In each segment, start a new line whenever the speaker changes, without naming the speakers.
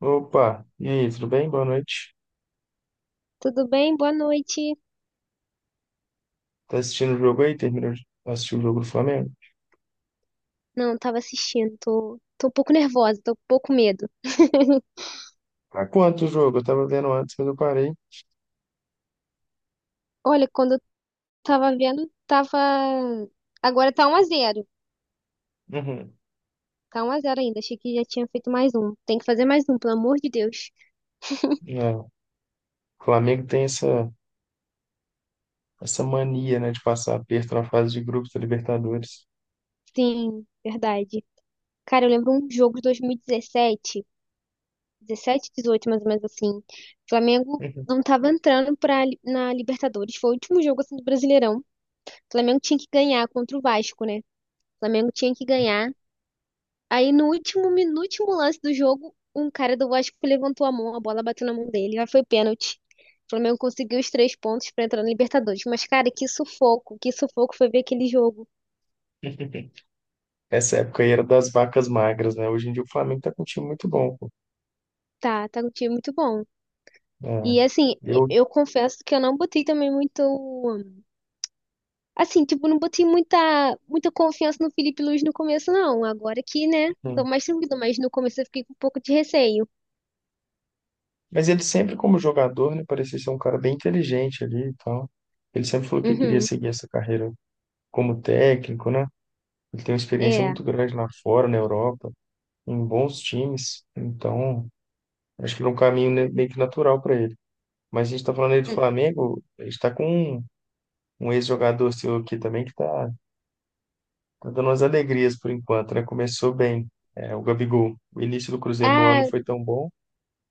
Opa, e aí, tudo bem? Boa noite.
Tudo bem? Boa noite.
Tá assistindo o jogo aí? Terminou de assistir o jogo do Flamengo?
Não, tava assistindo. Tô um pouco nervosa, tô um pouco com medo.
Tá quanto o jogo? Eu tava vendo antes, mas eu parei.
Olha, quando eu tava vendo, tava. Agora tá um a 0.
Uhum.
Tá 1 a 0 ainda. Achei que já tinha feito mais um. Tem que fazer mais um, pelo amor de Deus.
É, o Flamengo tem essa mania, né, de passar aperto na fase de grupos da Libertadores.
Sim, verdade. Cara, eu lembro um jogo de 2017, 17, 18, mais ou menos assim. O Flamengo
Uhum.
não tava entrando na Libertadores. Foi o último jogo assim do Brasileirão. O Flamengo tinha que ganhar contra o Vasco, né? O Flamengo tinha que ganhar. Aí no no último lance do jogo, um cara do Vasco levantou a mão, a bola bateu na mão dele, aí foi pênalti. O Flamengo conseguiu os três pontos pra entrar na Libertadores. Mas, cara, que sufoco foi ver aquele jogo.
Essa época aí era das vacas magras, né? Hoje em dia o Flamengo tá com um time muito bom, pô.
Tá um time muito bom.
É,
E assim,
eu...
eu confesso que eu não botei também muito. Assim, tipo, não botei muita confiança no Felipe Luiz no começo, não. Agora que, né? Tô
uhum.
mais tranquilo, mas no começo eu fiquei com um pouco de receio.
Mas ele sempre, como jogador, né, parecia ser um cara bem inteligente ali e tal. Ele sempre falou que queria
Uhum,
seguir essa carreira como técnico, né? Ele tem uma experiência
é.
muito grande lá fora, na Europa, em bons times. Então, acho que é um caminho meio que natural para ele. Mas a gente está falando aí do
Hum.
Flamengo, a gente está com um ex-jogador seu aqui também que está dando umas alegrias por enquanto, né? Começou bem, é, o Gabigol. O início do Cruzeiro no ano não
Ah,
foi tão bom,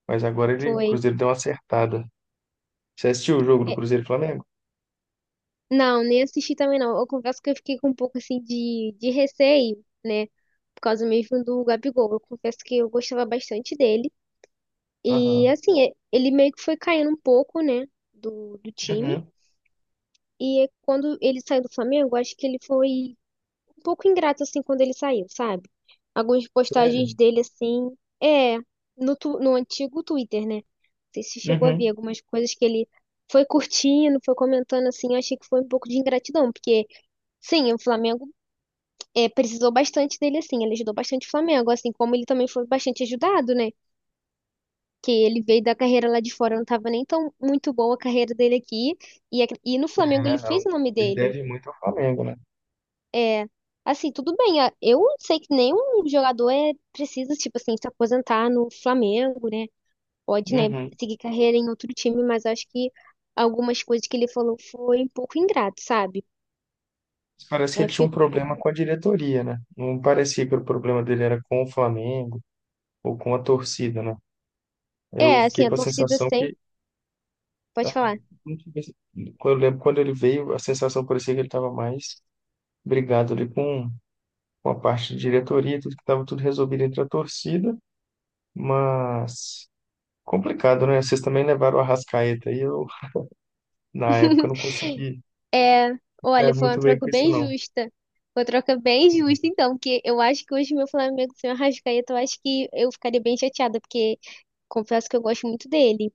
mas agora ele, o
foi.
Cruzeiro deu uma acertada. Você assistiu o jogo do Cruzeiro e Flamengo?
Não, nem assisti também não. Eu confesso que eu fiquei com um pouco assim de receio, né? Por causa mesmo do Gabigol. Eu confesso que eu gostava bastante dele. E
Aham.
assim, ele meio que foi caindo um pouco, né? Do time.
Uhum.
E é quando ele saiu do Flamengo, eu acho que ele foi um pouco ingrato, assim, quando ele saiu, sabe? Algumas
Sério?
postagens dele, assim, é, no antigo Twitter, né? Não sei se chegou a ver
Uhum.
algumas coisas que ele foi curtindo, foi comentando, assim, eu achei que foi um pouco de ingratidão, porque. Sim, o Flamengo precisou bastante dele, assim. Ele ajudou bastante o Flamengo, assim como ele também foi bastante ajudado, né? Que ele veio da carreira lá de fora, não estava nem tão muito boa a carreira dele aqui. E, e no Flamengo
É,
ele
não.
fez o nome
Ele
dele.
deve muito ao Flamengo, né?
É, assim, tudo bem. Eu sei que nenhum jogador é precisa, tipo assim, se aposentar no Flamengo, né? Pode, né,
Uhum.
seguir carreira em outro time, mas acho que algumas coisas que ele falou foi um pouco ingrato, sabe?
Mas parece que
Aí eu
ele tinha
fiquei
um
com um pouco.
problema com a diretoria, né? Não parecia que o problema dele era com o Flamengo ou com a torcida, né? Eu
É, assim,
fiquei
a
com a
torcida
sensação
sempre.
que,
Pode
ah,
falar.
não tive- esse- quando eu lembro quando ele veio, a sensação parecia que ele estava mais brigado ali com a parte de diretoria, tudo que estava tudo resolvido entre a torcida, mas complicado, né? Vocês também levaram a Arrascaeta e eu, na época, não consegui
É,
ficar
olha, foi uma
muito bem
troca
com isso,
bem
não.
justa. Foi uma troca bem justa, então, porque eu acho que hoje meu Flamengo sem o Arrascaeta, eu acho que eu ficaria bem chateada, porque confesso que eu gosto muito dele,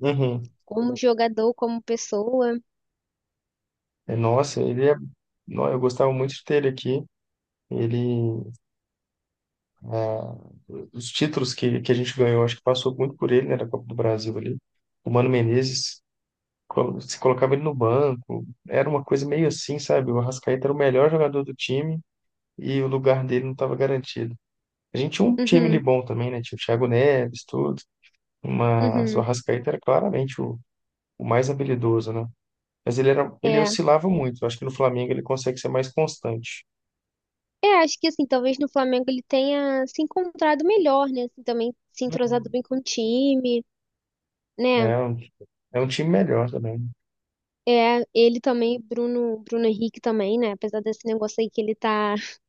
Uhum.
como jogador, como pessoa.
É, nossa, ele é. Não, eu gostava muito de ter ele aqui. Ele... ah... os títulos que a gente ganhou, acho que passou muito por ele, né, da Copa do Brasil ali. O Mano Menezes, se colocava ele no banco, era uma coisa meio assim, sabe? O Arrascaeta era o melhor jogador do time e o lugar dele não estava garantido. A gente tinha um time ali
Uhum,
bom também, né? Tinha o Thiago Neves, tudo, mas o
uhum,
Arrascaeta era claramente o mais habilidoso, né? Mas ele era, ele
é.
oscilava muito. Eu acho que no Flamengo ele consegue ser mais constante.
É, acho que assim, talvez no Flamengo ele tenha se encontrado melhor, né? Assim, também se entrosado
Uhum.
bem com o time, né?
É um, é um time melhor também.
É, ele também, Bruno Henrique também, né? Apesar desse negócio aí que ele tá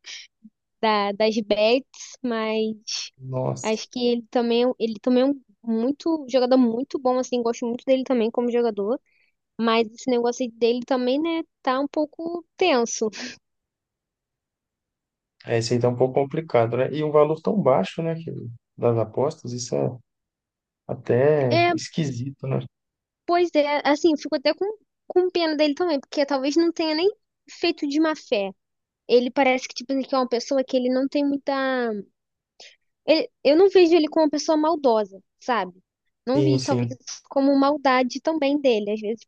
das bets, mas.
Nossa.
Acho que ele também, ele também é um muito jogador muito bom, assim, gosto muito dele também como jogador, mas esse negócio dele também, né, tá um pouco tenso.
É, isso aí tá um pouco complicado, né? E um valor tão baixo, né, que, das apostas, isso é até
É,
esquisito, né?
pois é, assim, eu fico até com pena dele também, porque talvez não tenha nem feito de má fé. Ele parece que, tipo, que é uma pessoa que ele não tem muita. Eu não vejo ele como uma pessoa maldosa, sabe? Não
Sim,
vi, talvez,
sim.
isso como maldade também dele. Às vezes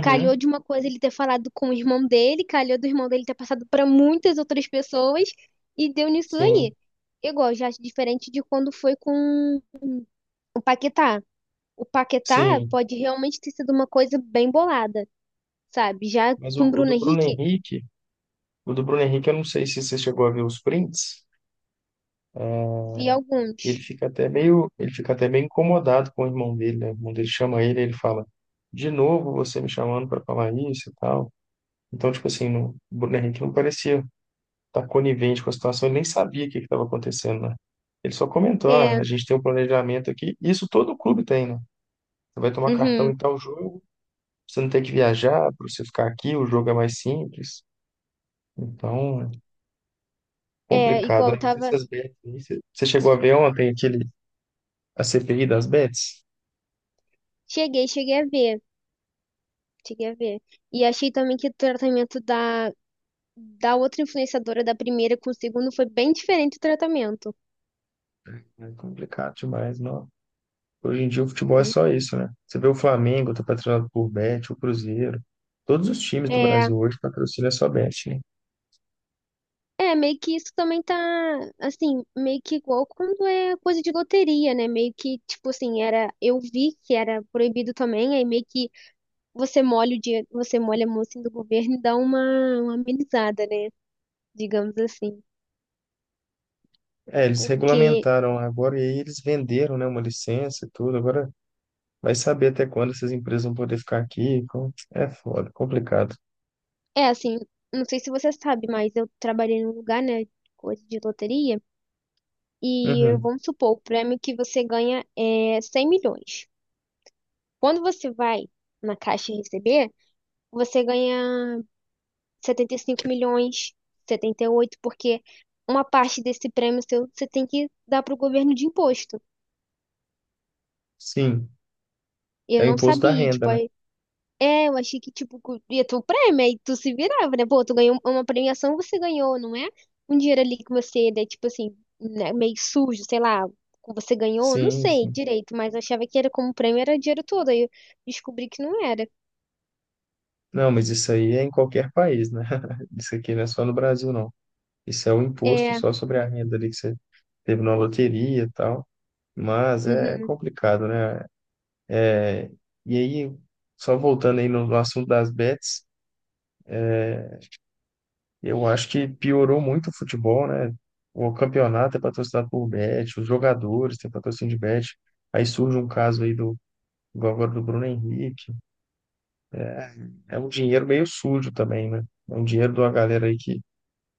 calhou de uma coisa ele ter falado com o irmão dele, calhou do irmão dele ter passado para muitas outras pessoas e deu nisso
sim,
aí. Igual, já acho diferente de quando foi com o Paquetá. O Paquetá
sim.
pode realmente ter sido uma coisa bem bolada, sabe? Já
Mas o,
com o
o
Bruno
do Bruno
Henrique,
Henrique, o do Bruno Henrique, eu não sei se você chegou a ver os prints,
vi
ele
alguns.
fica até meio, ele fica até meio incomodado com o irmão dele, né? O irmão dele chama ele, ele fala, de novo você me chamando para falar isso e tal. Então, tipo assim, o Bruno Henrique não parecia tá conivente com a situação, ele nem sabia o que estava acontecendo, né? Ele só comentou, ah, a
É,
gente tem um planejamento aqui, isso todo clube tem, né? Você vai tomar cartão
uhum,
em tal jogo, você não tem que viajar para você ficar aqui, o jogo é mais simples. Então,
é
complicado,
igual,
né?
eu
Mas
tava.
essas bets aí, você chegou a ver ontem aquele, a CPI das bets?
Cheguei a ver. Cheguei a ver. E achei também que o tratamento da outra influenciadora, da primeira com o segundo, foi bem diferente o tratamento.
É complicado demais, não. Hoje em dia o futebol é
Né?
só isso, né? Você vê o Flamengo, tá patrocinado por Bet, o Cruzeiro. Todos os times do
É,
Brasil hoje patrocinam só Bet, né?
é, meio que isso também tá, assim, meio que igual quando é coisa de loteria, né? Meio que, tipo assim, era, eu vi que era proibido também, aí meio que você molha o dinheiro, você molha a mão assim do governo e dá uma amenizada, né? Digamos assim.
É, eles
Porque,
regulamentaram lá agora e aí eles venderam, né, uma licença e tudo. Agora vai saber até quando essas empresas vão poder ficar aqui. É foda, complicado.
é assim, não sei se você sabe, mas eu trabalhei num lugar, né, coisa de loteria, e
Uhum.
vamos supor, o prêmio que você ganha é 100 milhões. Quando você vai na caixa receber, você ganha. 75 milhões, 78 porque uma parte desse prêmio seu você tem que dar pro governo de imposto.
Sim,
E
é
eu
o
não
imposto da
sabia,
renda,
tipo,
né?
aí, é, eu achei que, tipo, ia ter um prêmio, aí tu se virava, né? Pô, tu ganhou uma premiação, você ganhou, não é? Um dinheiro ali que você, né, tipo assim, né, meio sujo, sei lá, que você ganhou, não
Sim,
sei
sim.
direito, mas eu achava que era como prêmio, era dinheiro todo, aí eu descobri que não era.
Não, mas isso aí é em qualquer país, né? Isso aqui não é só no Brasil, não. Isso é o imposto
É,
só sobre a renda ali que você teve na loteria e tal. Mas é
uhum,
complicado, né? E aí, só voltando aí no assunto das bets, eu acho que piorou muito o futebol, né? O campeonato é patrocinado por Bet, os jogadores têm patrocínio de Bet. Aí surge um caso aí do, do agora do Bruno Henrique. É, é um dinheiro meio sujo também, né? É um dinheiro de uma galera aí que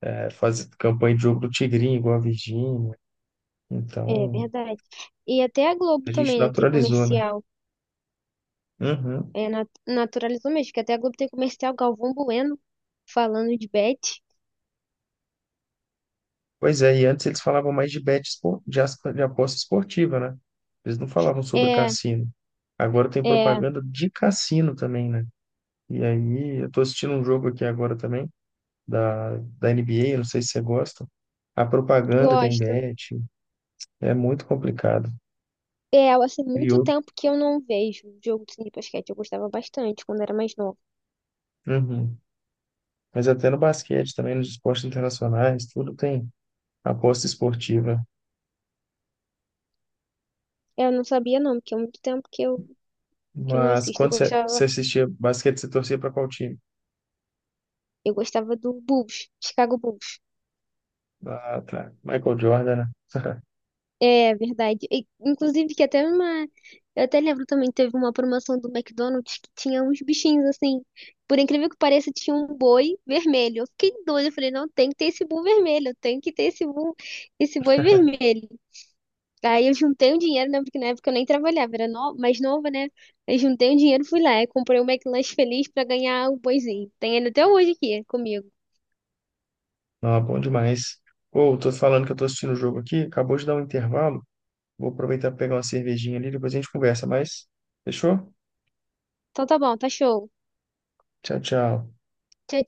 é, faz campanha de jogo do Tigrinho, igual a Virgínia.
é
Então,
verdade. E até a Globo
a gente
também, né, tem
naturalizou, né?
comercial.
Uhum.
É, naturalizou mesmo, que até a Globo tem comercial Galvão Bueno falando de Beth.
Pois é, e antes eles falavam mais de bet de, de aposta esportiva, né? Eles não falavam sobre
É,
cassino. Agora tem
é,
propaganda de cassino também, né? E aí, eu tô assistindo um jogo aqui agora também, da NBA, não sei se você gosta. A propaganda tem
gosto.
bet, é muito complicado.
É, assim, muito
Criou.
tempo que eu não vejo jogo de basquete. Eu gostava bastante quando era mais nova.
Uhum. Mas até no basquete também, nos esportes internacionais, tudo tem aposta esportiva.
É, eu não sabia não, porque é muito tempo que eu não
Mas
assisto.
quando você, você assistia basquete, você torcia para qual time?
Eu gostava do Bulls, Chicago Bulls.
Ah, tá. Michael Jordan, né?
É verdade. E, inclusive, que até uma. Eu até lembro também, teve uma promoção do McDonald's que tinha uns bichinhos assim. Por incrível que pareça, tinha um boi vermelho. Eu fiquei doida. Eu falei, não, tem que ter esse boi vermelho. Tem que ter esse boi vermelho. Aí eu juntei um dinheiro, né? Porque na época eu nem trabalhava, era no... mais nova, né? Eu juntei um dinheiro, fui lá e comprei o um McLanche Feliz pra ganhar o boizinho. Tem ele até hoje aqui comigo.
Não, é bom demais. Ou, tô falando que eu tô assistindo o jogo aqui, acabou de dar um intervalo. Vou aproveitar para pegar uma cervejinha ali, depois a gente conversa mais. Fechou?
Então tá bom, tá show.
Tchau, tchau.
Tchau,